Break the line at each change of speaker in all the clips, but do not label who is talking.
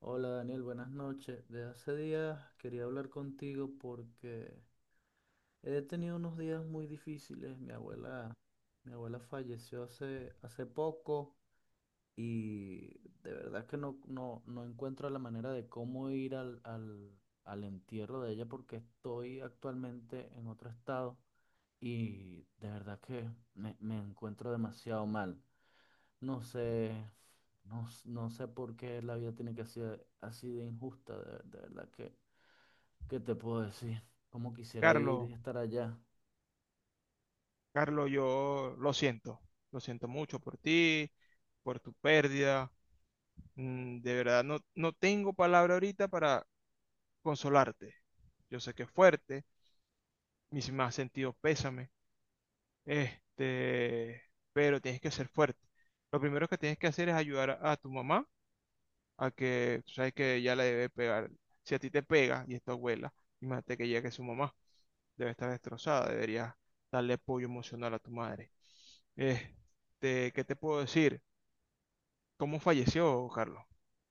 Hola Daniel, buenas noches. De hace días quería hablar contigo porque he tenido unos días muy difíciles. Mi abuela falleció hace poco y de verdad que no encuentro la manera de cómo ir al entierro de ella porque estoy actualmente en otro estado y de verdad que me encuentro demasiado mal. No sé, no sé por qué la vida tiene que ser así de injusta, de verdad que, ¿qué te puedo decir? Cómo quisiera ir
Carlos,
y estar allá.
Carlos, yo lo siento mucho por ti, por tu pérdida. De verdad, no, no tengo palabra ahorita para consolarte. Yo sé que es fuerte, mis más sentidos pésame, este, pero tienes que ser fuerte. Lo primero que tienes que hacer es ayudar a tu mamá a que, tú sabes que ya la debe pegar. Si a ti te pega y es tu abuela, imagínate que ya que su mamá debe estar destrozada, deberías darle apoyo emocional a tu madre. ¿Qué te puedo decir? ¿Cómo falleció, Carlos?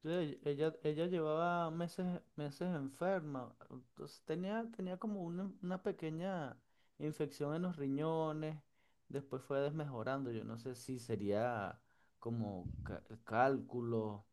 Sí, ella llevaba meses enferma, entonces tenía como una pequeña infección en los riñones, después fue desmejorando, yo no sé si sería como cálculo.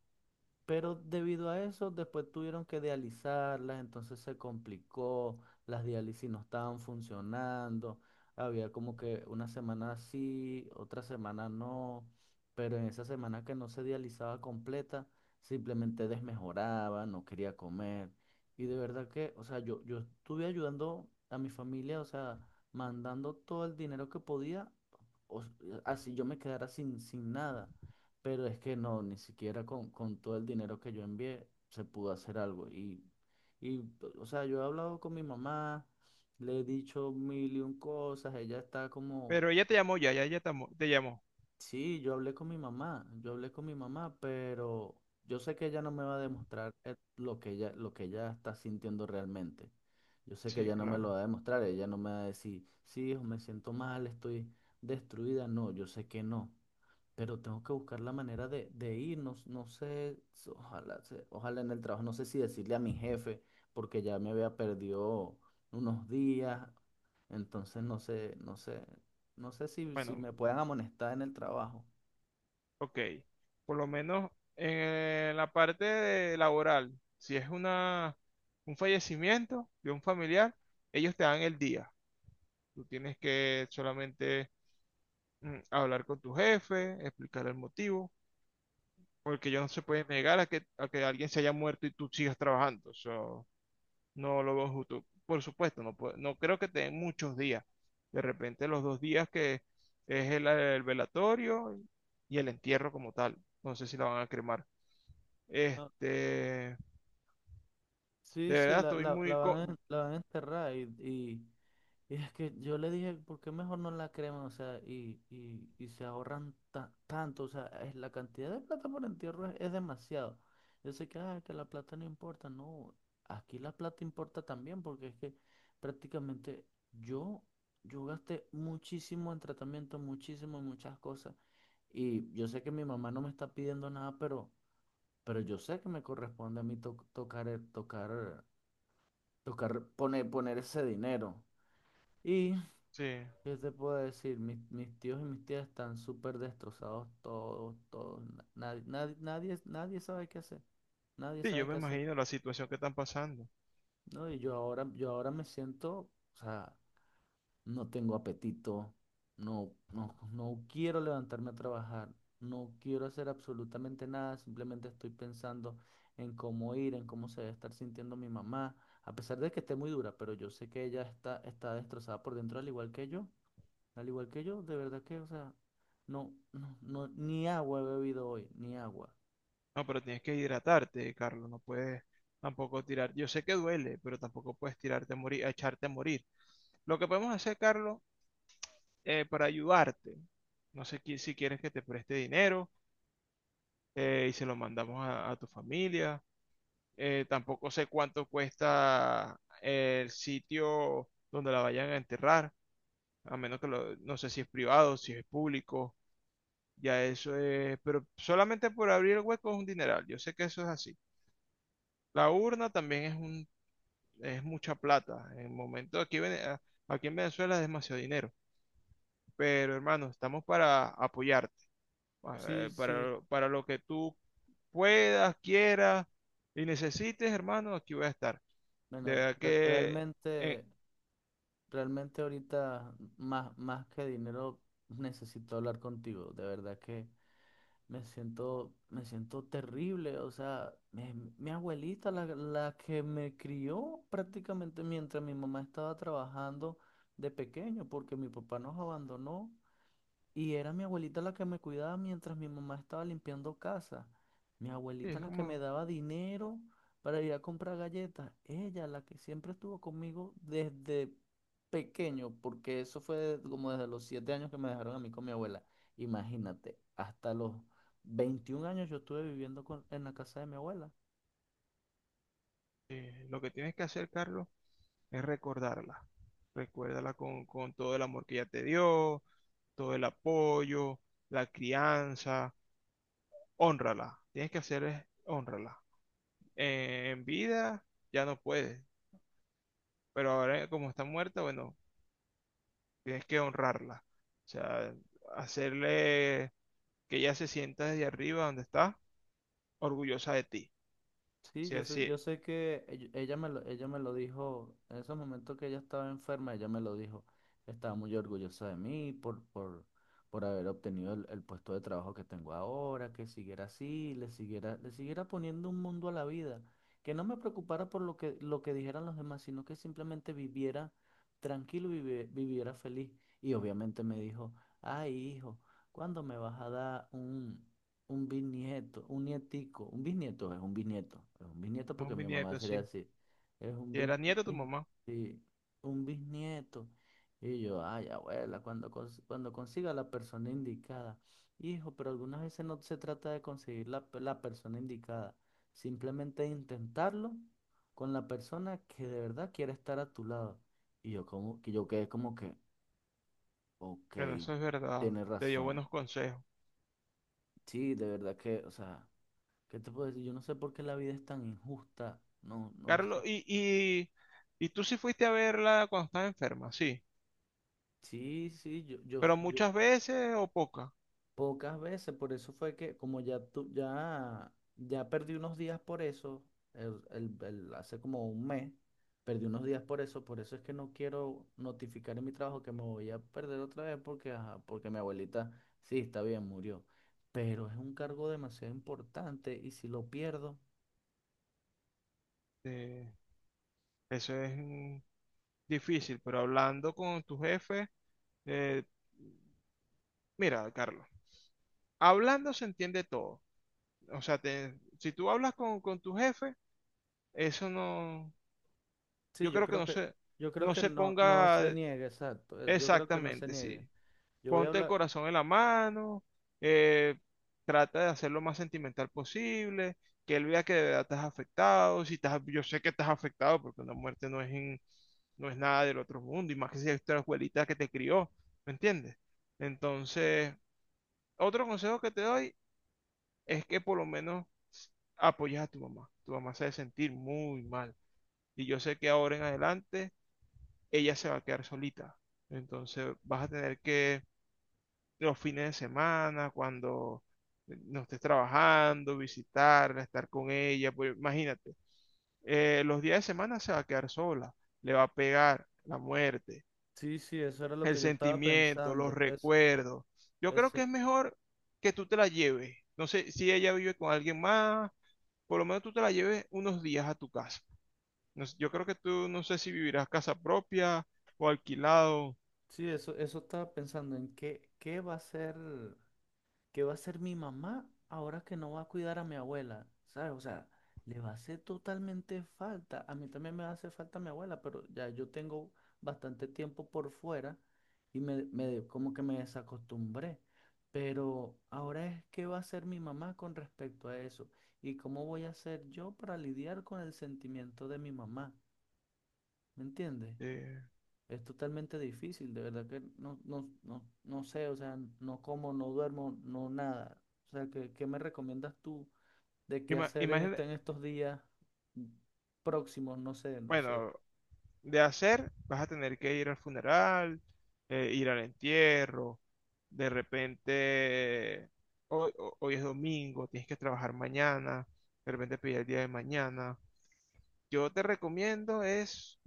Pero debido a eso, después tuvieron que dializarlas, entonces se complicó, las diálisis no estaban funcionando, había como que una semana sí, otra semana no, pero en esa semana que no se dializaba completa, simplemente desmejoraba, no quería comer. Y de verdad que, o sea, yo estuve ayudando a mi familia, o sea, mandando todo el dinero que podía, así yo me quedara sin, sin nada. Pero es que no, ni siquiera con todo el dinero que yo envié se pudo hacer algo. Y, pues, o sea, yo he hablado con mi mamá, le he dicho mil y un cosas, ella está como,
Pero ella te llamó ya, ya ella te llamó.
sí, yo hablé con mi mamá, yo hablé con mi mamá, pero yo sé que ella no me va a demostrar lo que ella está sintiendo realmente. Yo sé que
Sí,
ella no me lo
claro.
va a demostrar, ella no me va a decir, sí, hijo, me siento mal, estoy destruida. No, yo sé que no, pero tengo que buscar la manera de ir, no, no sé, ojalá, ojalá en el trabajo, no sé si decirle a mi jefe, porque ya me había perdido unos días, entonces no sé, no sé, no sé si
Bueno,
me puedan amonestar en el trabajo.
ok. Por lo menos en la parte de laboral, si es una, un fallecimiento de un familiar, ellos te dan el día. Tú tienes que solamente hablar con tu jefe, explicar el motivo, porque ellos no se pueden negar a que alguien se haya muerto y tú sigas trabajando. Eso no lo veo justo. Por supuesto, no, no creo que te den muchos días. De repente los dos días que es el velatorio y el entierro como tal. No sé si la van a cremar.
Ah,
De
sí, sí,
verdad
la,
estoy
la, la
muy...
van a, la van a enterrar. Y es que yo le dije, ¿por qué mejor no la creman? O sea, y se ahorran tanto. O sea, es, la cantidad de plata por entierro es demasiado. Yo sé que, ah, que la plata no importa. No, aquí la plata importa también porque es que prácticamente yo, yo gasté muchísimo en tratamiento, muchísimo en muchas cosas. Y yo sé que mi mamá no me está pidiendo nada, pero yo sé que me corresponde a mí tocar, tocar, poner, poner ese dinero. Y
Sí,
¿qué te puedo decir? Mis, mis tíos y mis tías están súper destrozados todos, todos. Nadie sabe qué hacer. Nadie
sí, yo
sabe
me
qué hacer.
imagino la situación que están pasando.
No, y yo ahora me siento, o sea, no tengo apetito, no quiero levantarme a trabajar, no quiero hacer absolutamente nada, simplemente estoy pensando en cómo ir, en cómo se debe estar sintiendo mi mamá, a pesar de que esté muy dura, pero yo sé que ella está, está destrozada por dentro al igual que yo. Al igual que yo, de verdad que, o sea, no, ni agua he bebido hoy, ni agua.
No, pero tienes que hidratarte, Carlos. No puedes tampoco tirar. Yo sé que duele, pero tampoco puedes tirarte a morir, a echarte a morir. Lo que podemos hacer, Carlos, para ayudarte, no sé si quieres que te preste dinero, y se lo mandamos a tu familia. Tampoco sé cuánto cuesta el sitio donde la vayan a enterrar, a menos que lo, no sé si es privado, si es público, ya eso es, pero solamente por abrir el hueco es un dineral, yo sé que eso es así. La urna también es un, es mucha plata, en el momento aquí, en aquí en Venezuela es demasiado dinero, pero hermano, estamos para apoyar.
Sí, sí.
Para lo que tú puedas, quieras y necesites, hermano, aquí voy a estar. De
Bueno,
verdad que eh,
realmente, realmente ahorita más, más que dinero necesito hablar contigo. De verdad que me siento terrible. O sea, mi abuelita, la que me crió prácticamente mientras mi mamá estaba trabajando de pequeño, porque mi papá nos abandonó. Y era mi abuelita la que me cuidaba mientras mi mamá estaba limpiando casa. Mi
sí,
abuelita
es
la que me
como
daba dinero para ir a comprar galletas. Ella la que siempre estuvo conmigo desde pequeño, porque eso fue como desde los 7 años que me dejaron a mí con mi abuela. Imagínate, hasta los 21 años yo estuve viviendo en la casa de mi abuela.
lo que tienes que hacer, Carlos, es recordarla. Recuérdala con todo el amor que ella te dio, todo el apoyo, la crianza. Hónrala. Tienes que hacer es honrarla. En vida ya no puedes, pero ahora como está muerta, bueno, tienes que honrarla. O sea, hacerle que ella se sienta desde arriba donde está, orgullosa de ti.
Sí,
Sí, así, es
yo sé que ella me lo dijo, en ese momento que ella estaba enferma, ella me lo dijo. Estaba muy orgullosa de mí por haber obtenido el puesto de trabajo que tengo ahora, que siguiera así, le siguiera poniendo un mundo a la vida, que no me preocupara por lo que dijeran los demás, sino que simplemente viviera tranquilo, viviera feliz. Y obviamente me dijo, ay, hijo, ¿cuándo me vas a dar un... un bisnieto, un nietico, un bisnieto es un bisnieto, es un bisnieto
un
porque mi mamá
bisnieto,
sería
sí.
así, es un
Y
bis,
era
un
nieto de tu
bis-,
mamá.
sí, un bisnieto. Y yo, ay, abuela, cuando, cuando consiga la persona indicada, hijo, pero algunas veces no se trata de conseguir la, la persona indicada, simplemente intentarlo con la persona que de verdad quiere estar a tu lado. Y yo, como, que yo quedé como que,
Bueno,
ok,
eso es verdad.
tienes
Te dio
razón,
buenos consejos.
sí, de verdad que, o sea. ¿Qué te puedo decir? Yo no sé por qué la vida es tan injusta. No, no
Carlos,
sé.
y tú sí fuiste a verla cuando estaba enferma, sí.
Sí, sí,
Pero
yo,
muchas veces o pocas.
pocas veces, por eso fue que como ya tú, ya, ya perdí unos días por eso, el, hace como un mes, perdí unos días por eso es que no quiero notificar en mi trabajo que me voy a perder otra vez porque, ajá, porque mi abuelita, sí, está bien, murió, pero es un cargo demasiado importante y si lo pierdo,
Eh, eso es difícil, pero hablando con tu jefe, eh, mira, Carlos, hablando se entiende todo. O sea, si tú hablas con tu jefe, eso no,
sí,
yo creo que no se,
yo creo
no
que
se
no
ponga.
se niegue, exacto, yo creo que no se
Exactamente,
niegue.
sí.
Yo voy a
Ponte el
hablar.
corazón en la mano, eh, trata de hacer lo más sentimental posible, que él vea que de verdad estás afectado, si estás, yo sé que estás afectado porque una muerte no es, no es nada del otro mundo, y más que si es tu abuelita que te crió, ¿me entiendes? Entonces, otro consejo que te doy es que por lo menos apoyes a tu mamá. Tu mamá se debe sentir muy mal, y yo sé que ahora en adelante ella se va a quedar solita. Entonces, vas a tener que los fines de semana, cuando no estés trabajando, visitarla, estar con ella, pues imagínate, los días de semana se va a quedar sola, le va a pegar la muerte,
Sí, sí, eso era lo
el
que yo estaba
sentimiento, los
pensando. Eso,
recuerdos. Yo creo que
eso,
es mejor que tú te la lleves. No sé si ella vive con alguien más, por lo menos tú te la lleves unos días a tu casa. No sé, yo creo que tú no sé si vivirás casa propia o alquilado.
sí, eso estaba pensando en qué, qué va a ser, qué va a hacer mi mamá ahora que no va a cuidar a mi abuela, ¿sabes? O sea, le va a hacer totalmente falta. A mí también me va a hacer falta mi abuela, pero ya yo tengo bastante tiempo por fuera y me como que me desacostumbré. Pero ahora es qué va a hacer mi mamá con respecto a eso y cómo voy a hacer yo para lidiar con el sentimiento de mi mamá. ¿Me entiendes?
eh,
Es totalmente difícil, de verdad que no sé, o sea, no como, no duermo, no nada. O sea, ¿qué, qué me recomiendas tú de qué
ima-
hacer en
imagina-
este, en estos días próximos? No sé, no sé.
bueno, de hacer, vas a tener que ir al funeral, ir al entierro, de repente hoy, hoy es domingo, tienes que trabajar mañana, de repente pedir el día de mañana. Yo te recomiendo es,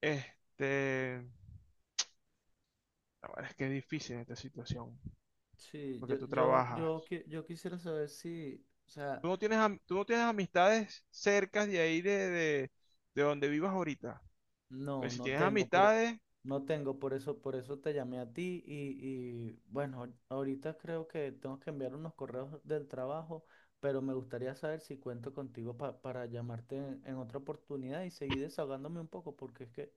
este, ahora es que es difícil en esta situación,
Sí,
porque tú trabajas.
yo quisiera saber si, o sea,
Tú no tienes, tú no tienes amistades cercas de ahí de donde vivas ahorita.
no,
Pues si
no
tienes
tengo, por,
amistades,
no tengo, por eso te llamé a ti y, bueno, ahorita creo que tengo que enviar unos correos del trabajo, pero me gustaría saber si cuento contigo para llamarte en otra oportunidad y seguir desahogándome un poco porque es que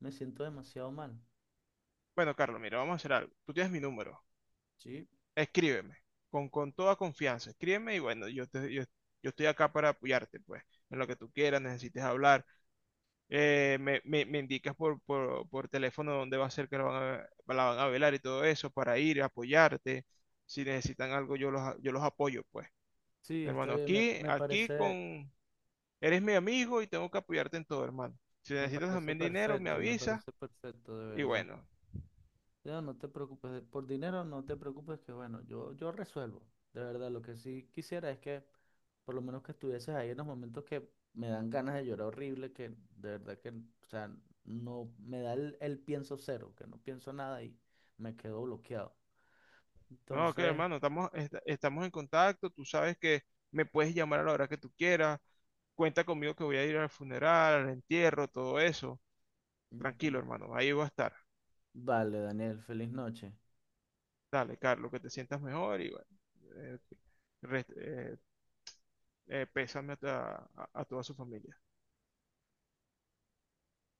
me siento demasiado mal.
bueno, Carlos, mira, vamos a hacer algo. Tú tienes mi número.
Sí,
Escríbeme, con toda confianza, escríbeme y bueno, yo estoy acá para apoyarte, pues, en lo que tú quieras, necesites hablar. Me indicas por teléfono dónde va a ser que la van a velar y todo eso para ir, apoyarte. Si necesitan algo, yo los, yo los apoyo, pues.
sí, está
Hermano,
bien,
aquí, aquí con, eres mi amigo y tengo que apoyarte en todo, hermano. Si necesitas también dinero, me
me
avisas
parece perfecto, de
y
verdad.
bueno.
Leo, no te preocupes, por dinero no te preocupes, que bueno, yo resuelvo. De verdad, lo que sí quisiera es que por lo menos que estuvieses ahí en los momentos que me dan ganas de llorar horrible, que de verdad que, o sea, no me da el pienso cero, que no pienso nada y me quedo bloqueado.
No, que
Entonces,
hermano, estamos, estamos en contacto, tú sabes que me puedes llamar a la hora que tú quieras. Cuenta conmigo que voy a ir al funeral, al entierro, todo eso.
mm,
Tranquilo,
v-
hermano, ahí voy a estar.
vale, Daniel, feliz noche.
Dale, Carlos, que te sientas mejor y bueno, eh, rest- eh, pésame a, a toda su familia.